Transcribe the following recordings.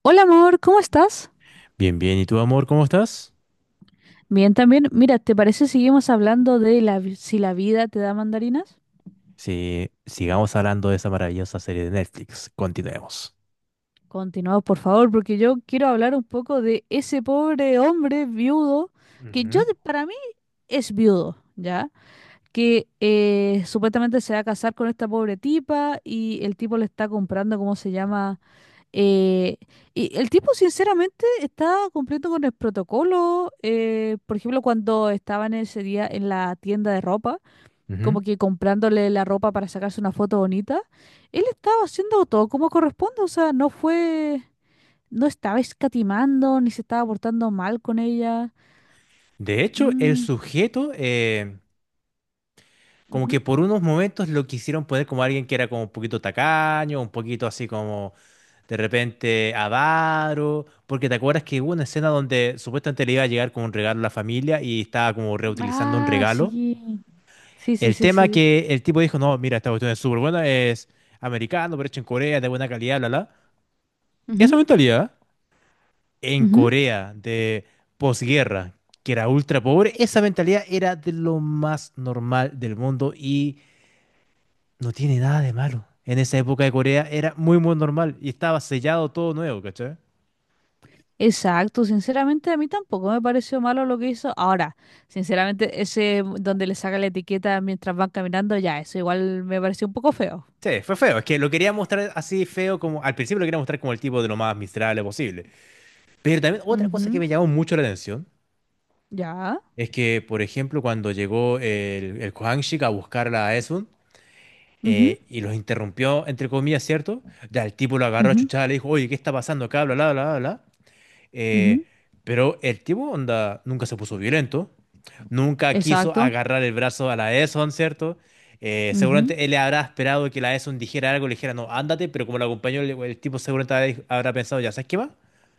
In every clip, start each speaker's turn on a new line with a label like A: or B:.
A: Hola amor, ¿cómo estás?
B: Bien, bien. ¿Y tú, amor, cómo estás?
A: Bien, también. Mira, ¿te parece si seguimos hablando de la, si la vida te da mandarinas?
B: Sí, sigamos hablando de esa maravillosa serie de Netflix. Continuemos.
A: Continuamos, por favor, porque yo quiero hablar un poco de ese pobre hombre viudo, que yo,
B: Ujú,
A: para mí, es viudo, ¿ya? Que supuestamente se va a casar con esta pobre tipa y el tipo le está comprando, ¿cómo se llama? Eh, y el tipo, sinceramente, está cumpliendo con el protocolo. Por ejemplo, cuando estaban ese día en la tienda de ropa,
B: ujú.
A: como que comprándole la ropa para sacarse una foto bonita, él estaba haciendo todo como corresponde, o sea, no fue, no estaba escatimando, ni se estaba portando mal con ella.
B: De hecho, el
A: Mm,
B: sujeto, como
A: ujú.
B: que por unos momentos lo quisieron poner como alguien que era como un poquito tacaño, un poquito así como de repente avaro, porque te acuerdas que hubo una escena donde supuestamente le iba a llegar como un regalo a la familia y estaba como reutilizando un
A: Ah,
B: regalo.
A: sí. Sí, sí,
B: El
A: sí, sí,
B: tema
A: sí.
B: que el tipo dijo, no, mira, esta cuestión es súper buena, es americano, pero hecho en Corea, de buena calidad, bla, bla. Esa mentalidad en
A: Ujú, ujú.
B: Corea de posguerra, que era ultra pobre, esa mentalidad era de lo más normal del mundo y no tiene nada de malo. En esa época de Corea era muy, muy normal y estaba sellado todo nuevo, ¿cachai?
A: Exacto, sinceramente a mí tampoco me pareció malo lo que hizo. Ahora, sinceramente, ese donde le saca la etiqueta mientras van caminando, ya, eso igual me pareció un poco feo.
B: Sí, fue feo. Es que lo quería mostrar así feo como... Al principio lo quería mostrar como el tipo de lo más miserable posible. Pero también otra cosa que
A: Ujú.
B: me llamó mucho la atención
A: Ya.
B: es que, por ejemplo, cuando llegó el Kohanshik a buscarla a Esun,
A: Ujú,
B: y los interrumpió, entre comillas, ¿cierto? Ya el tipo lo agarró a
A: ujú,
B: chuchada, le dijo, oye, ¿qué está pasando acá? Bla, bla, bla, bla. Eh,
A: ujú.
B: pero el tipo, onda, nunca se puso violento. Nunca quiso
A: Exacto.
B: agarrar el brazo a la Eson, ¿cierto? Seguramente él le habrá esperado que la Eson dijera algo, le dijera, no, ándate, pero como la acompañó, el tipo seguramente habrá pensado, ya, ¿sabes qué va?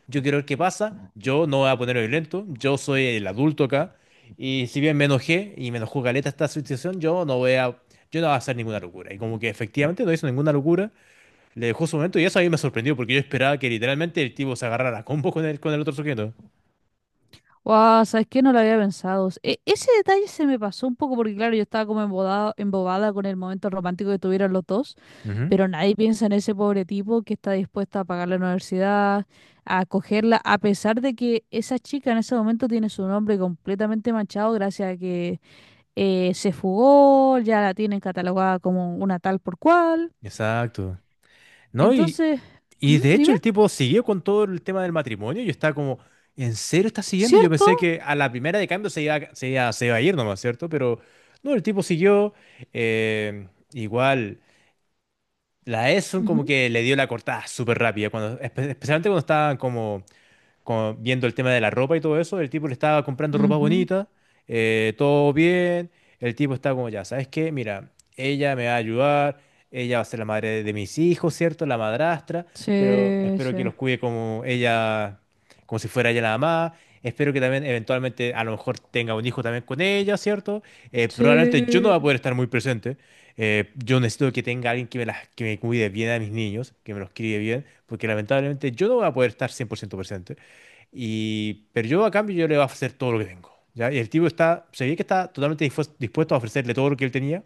B: Yo quiero ver qué pasa, yo no voy a ponerme violento, yo soy el adulto acá, y si bien me enojé y me enojó caleta esta situación, yo no voy a hacer ninguna locura. Y como que efectivamente no hizo ninguna locura, le dejó su momento y eso a mí me sorprendió porque yo esperaba que literalmente el tipo se agarrara a combos con con el otro sujeto.
A: Wow, ¿sabes qué? No lo había pensado. Ese detalle se me pasó un poco porque, claro, yo estaba como embobada, embobada con el momento romántico que tuvieron los dos,
B: Ujú.
A: pero nadie piensa en ese pobre tipo que está dispuesto a pagar la universidad, a acogerla, a pesar de que esa chica en ese momento tiene su nombre completamente manchado gracias a que se fugó, ya la tienen catalogada como una tal por cual.
B: Exacto. No,
A: Entonces,
B: y
A: ¿mm?
B: de hecho
A: Dime.
B: el tipo siguió con todo el tema del matrimonio. Y yo estaba como, ¿en serio está siguiendo? Yo
A: ¿Cierto?
B: pensé que a la primera de cambio se iba a ir nomás, ¿cierto? Pero no, el tipo siguió. eh, Igual, la Esun como
A: Ujú,
B: que le dio la cortada súper rápida, cuando, especialmente cuando estaban como viendo el tema de la ropa y todo eso, el tipo le estaba comprando ropa
A: ujú.
B: bonita, todo bien, el tipo estaba como ya, ¿sabes qué? Mira, ella me va a ayudar, ella va a ser la madre de mis hijos, ¿cierto? La madrastra, pero
A: Sí,
B: espero que los
A: sí.
B: cuide como ella, como si fuera ella la mamá. Espero que también eventualmente a lo mejor tenga un hijo también con ella, ¿cierto? Probablemente yo no
A: Sí,
B: voy a poder estar muy presente. Yo necesito que tenga alguien que que me cuide bien a mis niños, que me los críe bien, porque lamentablemente yo no voy a poder estar 100% presente. Y pero yo a cambio yo le voy a ofrecer todo lo que tengo, ¿ya? Y el tipo está, se ve que está totalmente dispuesto a ofrecerle todo lo que él tenía,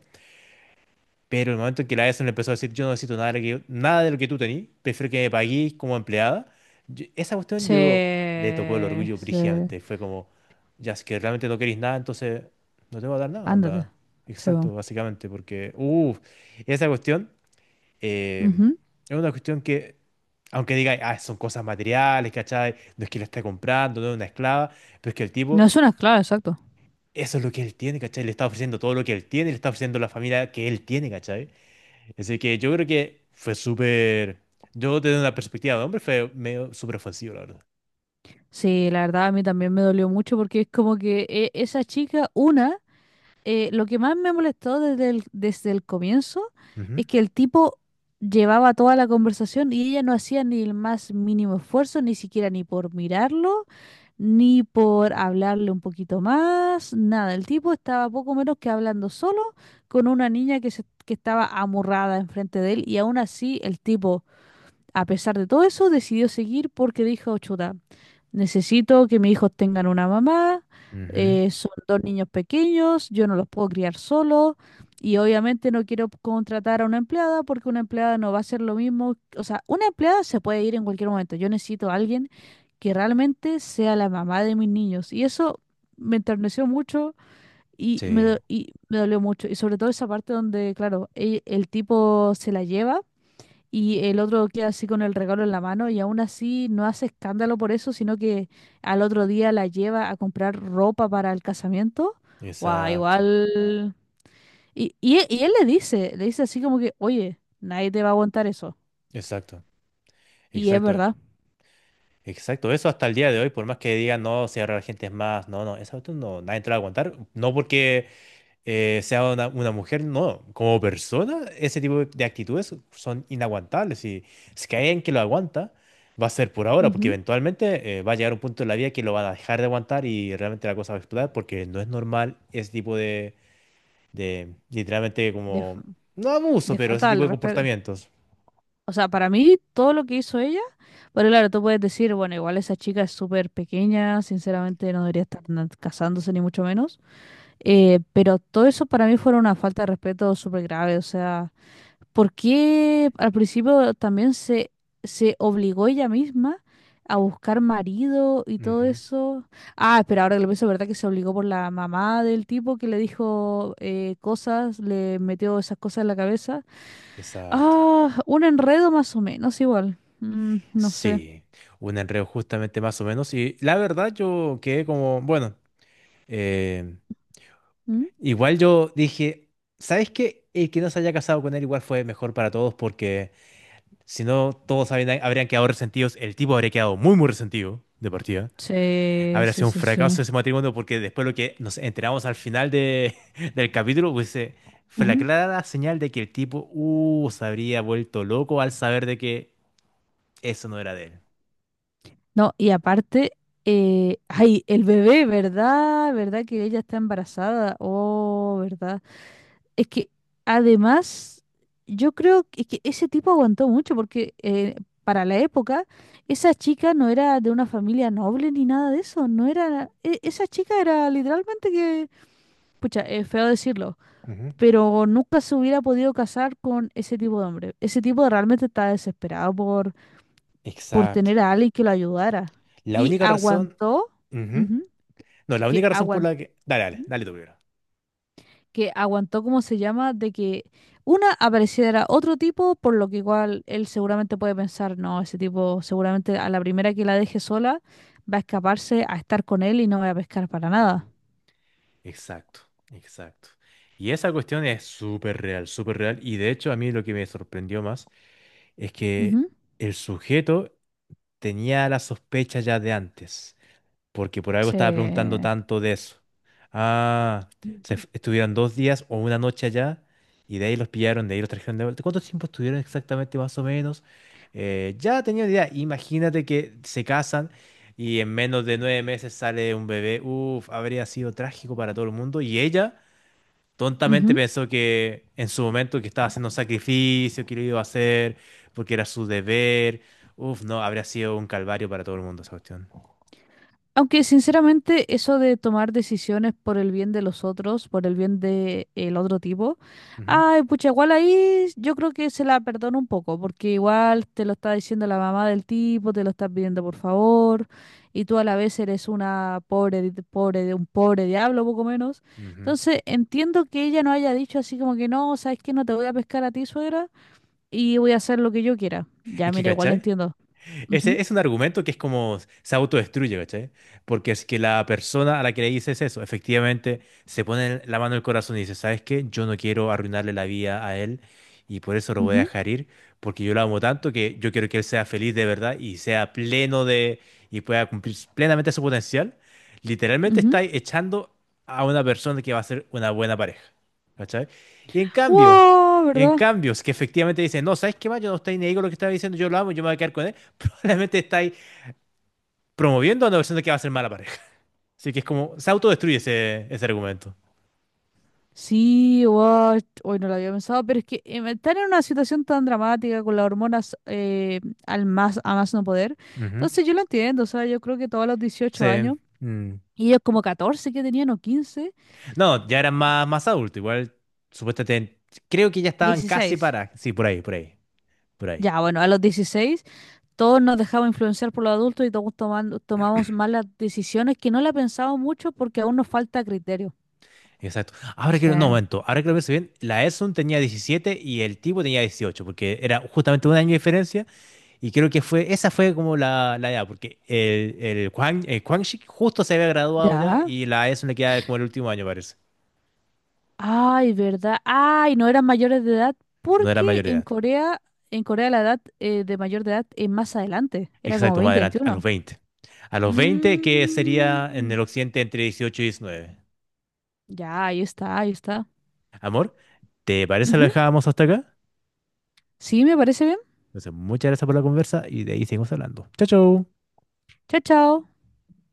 B: pero en el momento en que la ESO le empezó a decir, yo no necesito nada de lo que, nada de lo que tú tenías, prefiero que me paguéis como empleada, esa cuestión yo le tocó el
A: se
B: orgullo
A: se
B: brígidamente. Fue como, ya si es que realmente no queréis nada, entonces no te voy a dar nada,
A: ándate,
B: onda.
A: se va.
B: Exacto, básicamente, porque, uff, esa cuestión eh,
A: Ujú.
B: es una cuestión que, aunque diga, ah, son cosas materiales, ¿cachai? No es que la está comprando, no es una esclava, pero es que el
A: No
B: tipo,
A: es una esclava, exacto.
B: eso es lo que él tiene, ¿cachai? Le está ofreciendo todo lo que él tiene, le está ofreciendo la familia que él tiene, ¿cachai? Así que yo creo que fue súper, yo desde una perspectiva de hombre, fue medio súper ofensivo, la verdad.
A: Sí, la verdad a mí también me dolió mucho porque es como que esa chica, una, lo que más me molestó desde el comienzo
B: Ujú,
A: es que el tipo llevaba toda la conversación y ella no hacía ni el más mínimo esfuerzo, ni siquiera ni por mirarlo, ni por hablarle un poquito más, nada. El tipo estaba poco menos que hablando solo con una niña que, que estaba amurrada enfrente de él y aún así el tipo, a pesar de todo eso, decidió seguir porque dijo, chuta, necesito que mis hijos tengan una mamá,
B: ujú.
A: son dos niños pequeños, yo no los puedo criar solo y obviamente no quiero contratar a una empleada porque una empleada no va a hacer lo mismo. O sea, una empleada se puede ir en cualquier momento. Yo necesito a alguien que realmente sea la mamá de mis niños y eso me enterneció mucho. Y me,
B: Sí,
A: y me dolió mucho. Y sobre todo esa parte donde, claro, el tipo se la lleva y el otro queda así con el regalo en la mano y aún así no hace escándalo por eso, sino que al otro día la lleva a comprar ropa para el casamiento. Guau,
B: exacto,
A: igual. Y él le dice así como que, oye, nadie te va a aguantar eso.
B: exacto,
A: Y es
B: exacto,
A: verdad.
B: exacto. Eso hasta el día de hoy, por más que digan, no, si ahora la gente es más, no, no, esa cuestión no, nadie te la va a aguantar. No porque sea una mujer, no. Como persona, ese tipo de actitudes son inaguantables. Y si que hay alguien que lo aguanta, va a ser por ahora, porque
A: Ujú.
B: eventualmente va a llegar un punto en la vida que lo van a dejar de aguantar y realmente la cosa va a explotar, porque no es normal ese tipo de literalmente
A: De, f-
B: como, no abuso,
A: de
B: pero ese
A: falta
B: tipo
A: al
B: de
A: respeto.
B: comportamientos.
A: O sea, para mí todo lo que hizo ella, pero claro, tú puedes decir, bueno, igual esa chica es súper pequeña, sinceramente no debería estar casándose ni mucho menos. Pero todo eso para mí fue una falta de respeto súper grave. O sea, ¿por qué al principio también se obligó ella misma a buscar marido y todo
B: Ujú,
A: eso? Ah, pero ahora que lo pienso, ¿verdad que se obligó por la mamá del tipo que le dijo cosas, le metió esas cosas en la cabeza?
B: exacto.
A: Ah, un enredo más o menos igual. Mm, no sé.
B: Sí, un enredo justamente más o menos. Y la verdad yo quedé como, bueno, eh,
A: ¿Mm?
B: igual yo dije, ¿sabes qué? El que no se haya casado con él igual fue mejor para todos porque si no habrían quedado resentidos, el tipo habría quedado muy muy resentido de partida.
A: Sí,
B: Habría
A: sí,
B: sido un
A: sí, sí.
B: fracaso ese matrimonio porque después lo que nos enteramos al final de, del capítulo pues, fue la clara señal de que el tipo se habría vuelto loco al saber de que eso no era de él.
A: No, y aparte, ay, el bebé, ¿verdad? ¿Verdad que ella está embarazada? Oh, ¿verdad? Es que además, yo creo que ese tipo aguantó mucho porque para la época, esa chica no era de una familia noble ni nada de eso, no era, esa chica era literalmente que, pucha, es feo decirlo,
B: Ujú.
A: pero nunca se hubiera podido casar con ese tipo de hombre. Ese tipo realmente estaba desesperado por
B: Exacto.
A: tener a alguien que lo ayudara.
B: La
A: Y
B: única razón...
A: aguantó,
B: Ujú.
A: ujú,
B: No, la
A: que
B: única razón por
A: aguantó,
B: la que... Dale, dale, dale tú primero.
A: que aguantó, ¿cómo se llama? De que una apareciera otro tipo, por lo que igual él seguramente puede pensar, no, ese tipo seguramente a la primera que la deje sola va a escaparse a estar con él y no va a pescar para nada.
B: Ujú. Exacto, exacto. Y esa cuestión es súper real, súper real. Y de hecho a mí lo que me sorprendió más es que
A: Ujú.
B: el sujeto tenía la sospecha ya de antes, porque por algo estaba preguntando
A: Sí.
B: tanto de eso. Ah,
A: Ujú.
B: estuvieron 2 días o una noche allá y de ahí los pillaron, de ahí los trajeron de vuelta. ¿Cuánto tiempo estuvieron exactamente más o menos? Ya tenía una idea. Imagínate que se casan. Y en menos de 9 meses sale un bebé. Uf, habría sido trágico para todo el mundo. Y ella tontamente
A: Ujú.
B: pensó que en su momento que estaba haciendo un sacrificio, que lo iba a hacer, porque era su deber. Uf, no, habría sido un calvario para todo el mundo esa cuestión.
A: Aunque sinceramente eso de tomar decisiones por el bien de los otros, por el bien de el otro tipo,
B: Ujú,
A: ay, pucha, igual ahí yo creo que se la perdono un poco, porque igual te lo está diciendo la mamá del tipo, te lo está pidiendo por favor, y tú a la vez eres una pobre, pobre de un pobre diablo, poco menos.
B: ujú.
A: Entonces, entiendo que ella no haya dicho así como que no, sabes que no te voy a pescar a ti, suegra, y voy a hacer lo que yo quiera. Ya,
B: Es que,
A: mira, igual
B: ¿cachai?
A: entiendo. Ujú,
B: Ese es un argumento que es como se autodestruye, ¿cachai? Porque es que la persona a la que le dices eso, efectivamente, se pone la mano en el corazón y dice, ¿sabes qué? Yo no quiero arruinarle la vida a él y por eso lo voy a
A: ujú,
B: dejar ir, porque yo lo amo tanto que yo quiero que él sea feliz de verdad y sea pleno de y pueda cumplir plenamente su potencial. Literalmente está
A: ujú.
B: echando a una persona que va a ser una buena pareja, ¿cachai? Y en cambio,
A: Wow,
B: y en
A: ¿verdad?
B: cambio, es que efectivamente dicen, no, ¿sabes qué más? Yo no estoy ni ahí con lo que estaba diciendo, yo lo amo, yo me voy a quedar con él. Probablemente estáis promoviendo a una persona que va a ser mala pareja. Así que es como, se autodestruye ese argumento.
A: Sí, guau, hoy no lo había pensado, pero es que estar en una situación tan dramática con las hormonas al más, a más no poder,
B: Ujú.
A: entonces yo lo entiendo, o sea, yo creo que todos los
B: Sí.
A: 18 años,
B: Mm.
A: y ellos como 14 que tenían o 15,
B: No, ya eran más, más adultos, igual, supuestamente, creo que ya estaban casi
A: 16.
B: para... Sí, por ahí, por ahí, por ahí.
A: Ya, bueno, a los 16 todos nos dejamos influenciar por los adultos y todos tomamos malas decisiones que no la pensamos mucho porque aún nos falta criterio.
B: Exacto. Ahora que,
A: Sí,
B: lo- no, momento, ahora que lo pienso bien, la Edson tenía 17 y el tipo tenía 18 porque era justamente un año de diferencia. Y creo que fue, esa fue como la edad, porque Quang, el Quang Shik justo se había graduado ya
A: ya.
B: y la ESO le queda como el último año, parece.
A: Ay, ¿verdad? Ay, no eran mayores de edad
B: No era
A: porque
B: mayor de edad.
A: En Corea la edad de mayor de edad es más adelante, era como
B: Exacto, más
A: 20,
B: adelante, a
A: 21.
B: los 20. A los 20 que sería en
A: Mm,
B: el occidente entre 18 y 19.
A: ya, ahí está, ahí está.
B: Amor, ¿te parece lo
A: Ujú.
B: dejábamos hasta acá?
A: Sí, me parece bien.
B: Entonces, muchas gracias por la conversa y de ahí seguimos hablando. Chao, chao.
A: Chao, chao.